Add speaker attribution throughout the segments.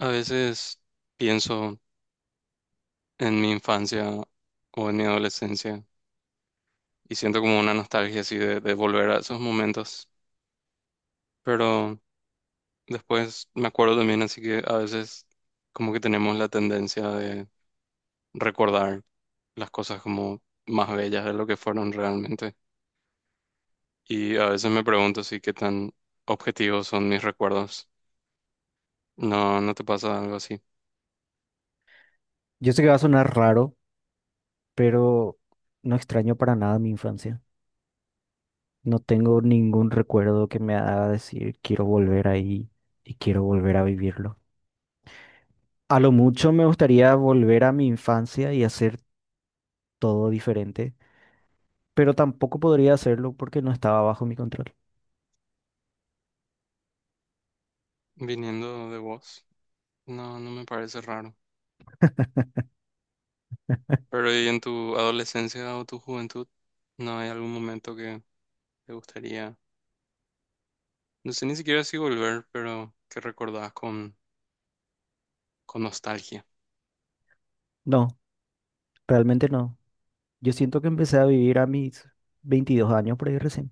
Speaker 1: A veces pienso en mi infancia o en mi adolescencia y siento como una nostalgia así de volver a esos momentos. Pero después me acuerdo también, así que a veces como que tenemos la tendencia de recordar las cosas como más bellas de lo que fueron realmente. Y a veces me pregunto si qué tan objetivos son mis recuerdos. No, ¿no te pasa algo así?
Speaker 2: Yo sé que va a sonar raro, pero no extraño para nada mi infancia. No tengo ningún recuerdo que me haga decir quiero volver ahí y quiero volver a vivirlo. A lo mucho me gustaría volver a mi infancia y hacer todo diferente, pero tampoco podría hacerlo porque no estaba bajo mi control.
Speaker 1: Viniendo de vos, no, no me parece raro. Pero ¿y en tu adolescencia o tu juventud no hay algún momento que te gustaría, no sé ni siquiera si volver, pero que recordás con nostalgia?
Speaker 2: No, realmente no. Yo siento que empecé a vivir a mis 22 años por ahí recién,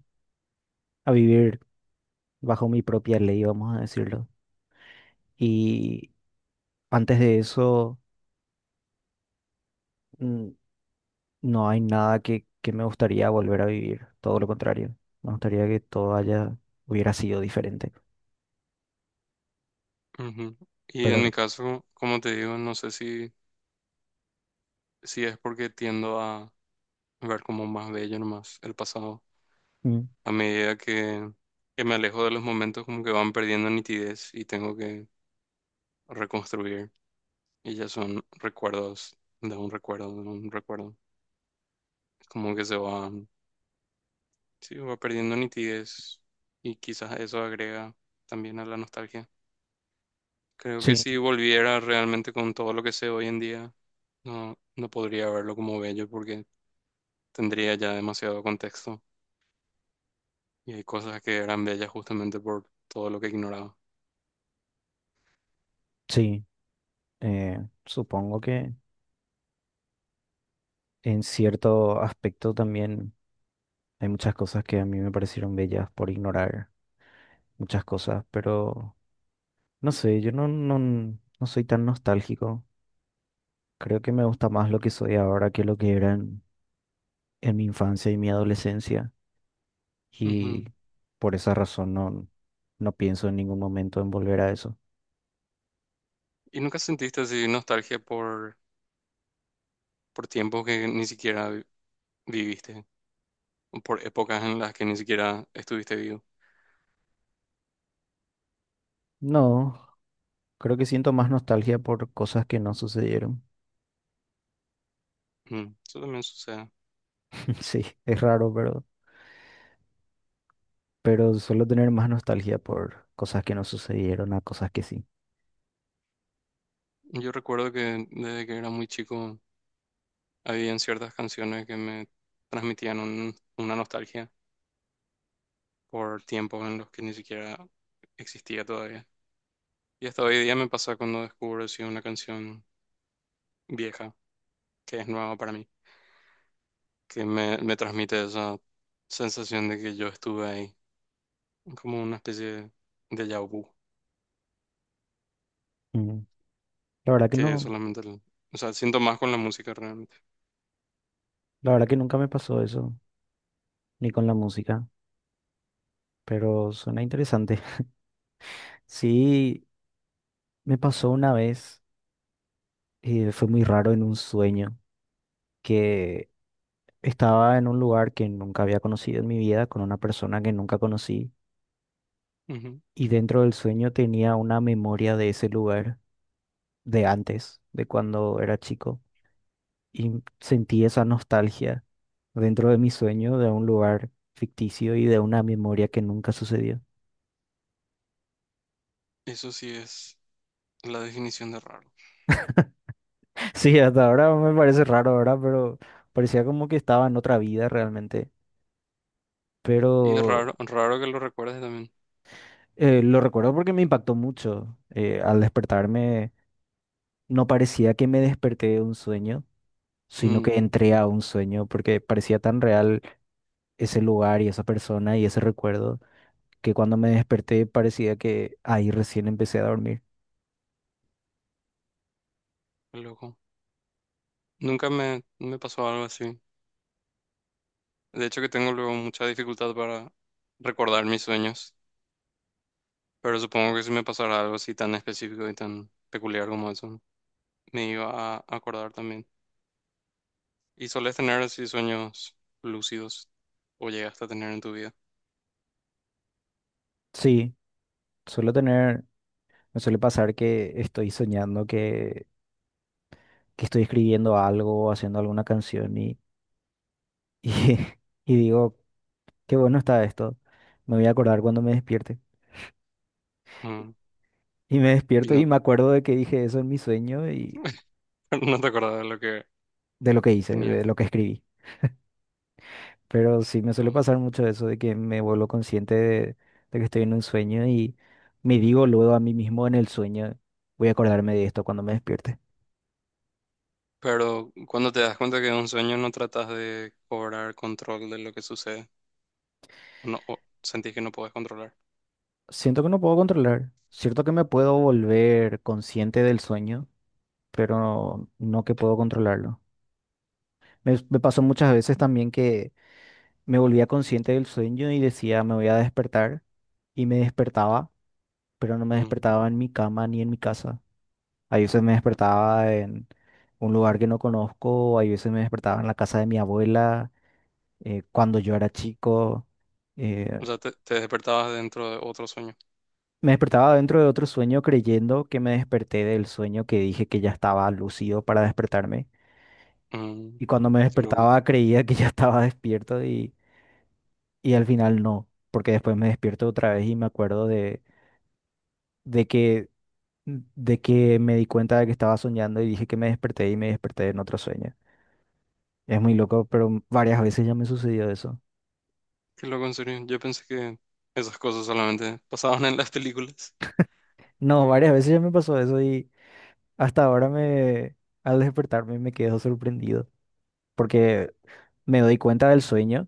Speaker 2: a vivir bajo mi propia ley, vamos a decirlo. Y antes de eso... mm, no hay nada que me gustaría volver a vivir, todo lo contrario. Me gustaría que hubiera sido diferente.
Speaker 1: Ujú. Y en
Speaker 2: Pero
Speaker 1: mi caso, como te digo, no sé si es porque tiendo a ver como más bello nomás el pasado.
Speaker 2: mm,
Speaker 1: A medida que me alejo de los momentos, como que van perdiendo nitidez y tengo que reconstruir. Y ya son recuerdos de un recuerdo, de un recuerdo. Es como que se va. Sí, va perdiendo nitidez y quizás eso agrega también a la nostalgia. Creo que si
Speaker 2: sí,
Speaker 1: volviera realmente con todo lo que sé hoy en día, no, no podría verlo como bello porque tendría ya demasiado contexto y hay cosas que eran bellas justamente por todo lo que ignoraba.
Speaker 2: sí, supongo que en cierto aspecto también hay muchas cosas que a mí me parecieron bellas por ignorar muchas cosas, pero no sé, yo no soy tan nostálgico. Creo que me gusta más lo que soy ahora que lo que era en mi infancia y mi adolescencia. Y
Speaker 1: Ujú.
Speaker 2: por esa razón no pienso en ningún momento en volver a eso.
Speaker 1: ¿Y nunca sentiste así nostalgia por tiempos que ni siquiera viviste o por épocas en las que ni siquiera estuviste vivo?
Speaker 2: No, creo que siento más nostalgia por cosas que no sucedieron.
Speaker 1: Ujú. Eso también sucede.
Speaker 2: Sí, es raro, pero suelo tener más nostalgia por cosas que no sucedieron a cosas que sí.
Speaker 1: Yo recuerdo que desde que era muy chico habían ciertas canciones que me transmitían una nostalgia por tiempos en los que ni siquiera existía todavía. Y hasta hoy día me pasa cuando descubro si una canción vieja, que es nueva para mí, que me transmite esa sensación de que yo estuve ahí, como una especie de déjà vu,
Speaker 2: Mm, la verdad que
Speaker 1: que
Speaker 2: no,
Speaker 1: solamente, o sea, siento más con la música realmente.
Speaker 2: la verdad que nunca me pasó eso, ni con la música, pero suena interesante. Sí, me pasó una vez, y fue muy raro en un sueño, que estaba en un lugar que nunca había conocido en mi vida, con una persona que nunca conocí,
Speaker 1: Ujú.
Speaker 2: y dentro del sueño tenía una memoria de ese lugar, de antes, de cuando era chico, y sentí esa nostalgia dentro de mi sueño de un lugar ficticio y de una memoria que nunca sucedió.
Speaker 1: Eso sí es la definición de raro.
Speaker 2: Sí, hasta ahora me parece raro ahora, pero parecía como que estaba en otra vida realmente,
Speaker 1: Y es
Speaker 2: pero
Speaker 1: raro, raro que lo recuerdes también.
Speaker 2: lo recuerdo porque me impactó mucho. Al despertarme, no parecía que me desperté de un sueño sino que
Speaker 1: Mm.
Speaker 2: entré a un sueño porque parecía tan real ese lugar y esa persona y ese recuerdo que cuando me desperté parecía que ahí recién empecé a dormir.
Speaker 1: Qué loco. Nunca me pasó algo así. De hecho que tengo luego mucha dificultad para recordar mis sueños, pero supongo que si me pasara algo así tan específico y tan peculiar como eso, me iba a acordar también. ¿Y solés tener así sueños lúcidos o llegaste a tener en tu vida?
Speaker 2: Sí, suelo tener, me suele pasar que estoy soñando, que estoy escribiendo algo, haciendo alguna canción y, y digo, qué bueno está esto, me voy a acordar cuando me despierte.
Speaker 1: Mm.
Speaker 2: Y me
Speaker 1: Y
Speaker 2: despierto y
Speaker 1: no,
Speaker 2: me acuerdo de que dije eso en mi sueño.
Speaker 1: no te acordás de lo que
Speaker 2: De lo que hice,
Speaker 1: tenías.
Speaker 2: de lo que escribí. Pero sí me
Speaker 1: que-
Speaker 2: suele
Speaker 1: um,
Speaker 2: pasar mucho eso de que me vuelvo consciente de que estoy en un sueño y me digo luego a mí mismo en el sueño, voy a acordarme de esto cuando me despierte.
Speaker 1: Pero cuando te das cuenta que es un sueño no tratas de cobrar control de lo que sucede, no, o sentís que no podés controlar.
Speaker 2: Siento que no puedo controlar. Cierto que me puedo volver consciente del sueño, pero no que puedo controlarlo. Me pasó muchas veces también que me volvía consciente del sueño y decía, me voy a despertar y me despertaba, pero no me
Speaker 1: Mm.
Speaker 2: despertaba en mi cama ni en mi casa. Hay veces me despertaba en un lugar que no conozco, hay veces me despertaba en la casa de mi abuela, cuando yo era chico. eh,
Speaker 1: O sea, te despertabas dentro de otro sueño.
Speaker 2: me despertaba dentro de otro sueño creyendo que me desperté del sueño que dije que ya estaba lúcido para despertarme.
Speaker 1: Mm.
Speaker 2: Y cuando me
Speaker 1: Qué loco.
Speaker 2: despertaba creía que ya estaba despierto y al final no, porque después me despierto otra vez y me acuerdo de que, de que me di cuenta de que estaba soñando y dije que me desperté y me desperté en otro sueño. Es muy loco, pero varias veces ya me sucedió eso.
Speaker 1: Qué loco, en serio. Yo pensé que esas cosas solamente pasaban en las películas.
Speaker 2: No, varias veces ya me pasó eso y hasta ahora al despertarme me quedo sorprendido porque me doy cuenta del sueño,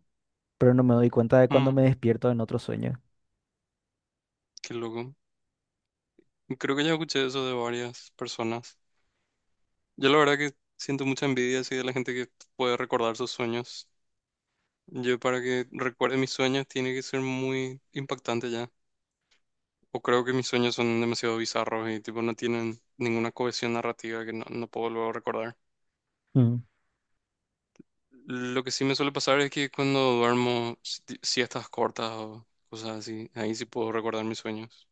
Speaker 2: pero no me doy cuenta de cuando
Speaker 1: Mm.
Speaker 2: me despierto en otro sueño.
Speaker 1: Qué loco. Creo que ya escuché eso de varias personas. Yo la verdad que siento mucha envidia así de la gente que puede recordar sus sueños. Yo para que recuerde mis sueños tiene que ser muy impactante ya. O creo que mis sueños son demasiado bizarros y tipo no tienen ninguna cohesión narrativa que no, no puedo luego recordar.
Speaker 2: Mm,
Speaker 1: Lo que sí me suele pasar es que cuando duermo siestas cortas o cosas así, ahí sí puedo recordar mis sueños.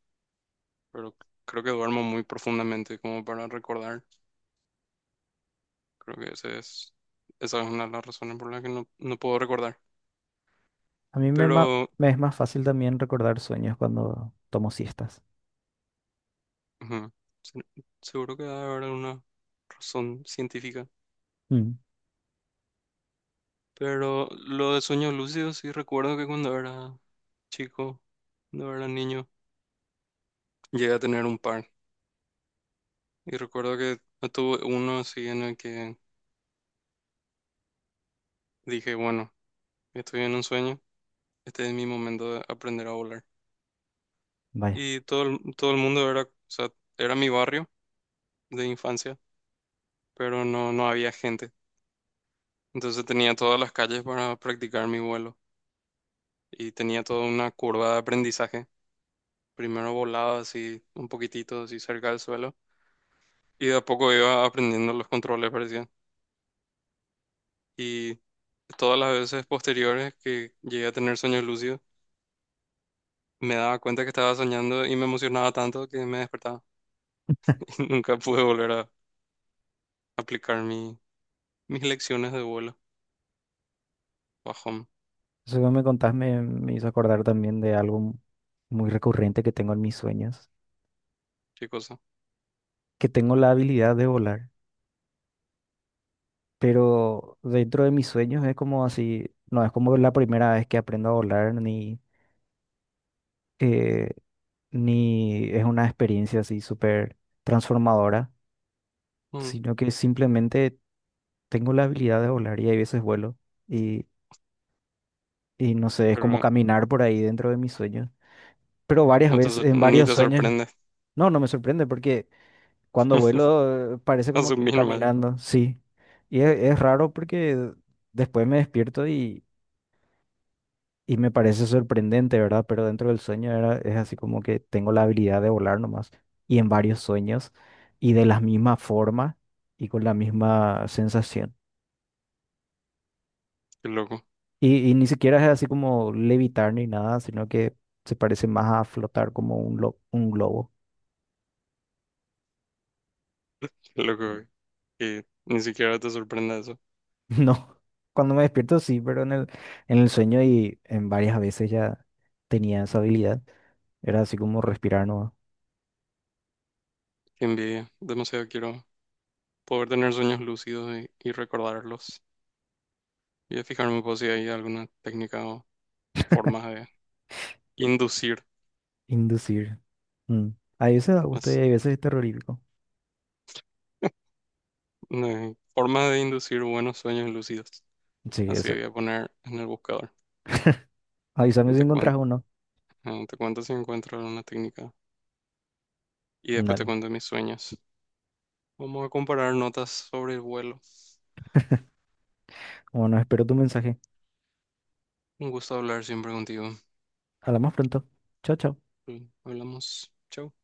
Speaker 1: Pero creo que duermo muy profundamente como para recordar. Creo que ese es, esa es una de las razones por las que no, no puedo recordar.
Speaker 2: a mí
Speaker 1: Pero
Speaker 2: me es más fácil también recordar sueños cuando tomo siestas.
Speaker 1: ujú, se- seguro que debe haber una razón científica.
Speaker 2: Mm.
Speaker 1: Pero lo de sueños lúcidos sí recuerdo que cuando era chico, cuando era niño, llegué a tener un par. Y recuerdo que no tuve uno así en el que dije, bueno, estoy en un sueño, este es mi momento de aprender a volar.
Speaker 2: Vaya,
Speaker 1: Y todo, todo el mundo era, o sea, era mi barrio de infancia, pero no, no había gente. Entonces tenía todas las calles para practicar mi vuelo y tenía toda una curva de aprendizaje. Primero volaba así un poquitito, así cerca del suelo y de a poco iba aprendiendo los controles, parecía. Y todas las veces posteriores que llegué a tener sueños lúcidos, me daba cuenta que estaba soñando y me emocionaba tanto que me despertaba y nunca pude volver a aplicar mi, mis lecciones de vuelo. Bajón,
Speaker 2: eso que me contás me hizo acordar también de algo muy recurrente que tengo en mis sueños,
Speaker 1: qué cosa.
Speaker 2: que tengo la habilidad de volar. Pero dentro de mis sueños es como así, no es como la primera vez que aprendo a volar, eh, ni es una experiencia así súper transformadora,
Speaker 1: Mm.
Speaker 2: sino que simplemente tengo la habilidad de volar y hay veces vuelo y, y no sé, es como
Speaker 1: Pero
Speaker 2: caminar por ahí dentro de mis sueños, pero varias veces, en
Speaker 1: ni
Speaker 2: varios
Speaker 1: te
Speaker 2: sueños,
Speaker 1: sorprende.
Speaker 2: no me sorprende porque cuando vuelo parece como que estoy
Speaker 1: Asumí nomás.
Speaker 2: caminando, sí, y es raro porque después me despierto y... Y me parece sorprendente, ¿verdad? Pero dentro del sueño es así como que tengo la habilidad de volar nomás y en varios sueños y de la misma forma y con la misma sensación.
Speaker 1: Qué loco,
Speaker 2: Y ni siquiera es así como levitar ni nada, sino que se parece más a flotar como un, un globo.
Speaker 1: qué loco, güey. Que ni siquiera te sorprenda eso.
Speaker 2: No, cuando me despierto sí, pero en en el sueño y en varias veces ya tenía esa habilidad. Era así como respirar nomás,
Speaker 1: Qué envidia. Demasiado quiero poder tener sueños lúcidos y recordarlos. Y de fijarme pues, si hay alguna técnica o formas de inducir,
Speaker 2: inducir. Mm. A veces da gusto y a
Speaker 1: más,
Speaker 2: veces es terrorífico.
Speaker 1: no, formas de inducir buenos sueños lúcidos.
Speaker 2: Sí,
Speaker 1: Así
Speaker 2: eso,
Speaker 1: voy a poner en el buscador.
Speaker 2: avísame
Speaker 1: Y
Speaker 2: si
Speaker 1: Te
Speaker 2: encontrás
Speaker 1: cuento,
Speaker 2: uno.
Speaker 1: eh, te cuento si encuentro alguna técnica. Y después te
Speaker 2: Dale.
Speaker 1: cuento mis sueños. Vamos a comparar notas sobre el vuelo.
Speaker 2: Bueno, espero tu mensaje.
Speaker 1: Un gusto hablar siempre contigo.
Speaker 2: Hablamos pronto. Chao, chao.
Speaker 1: Hablamos. Chao.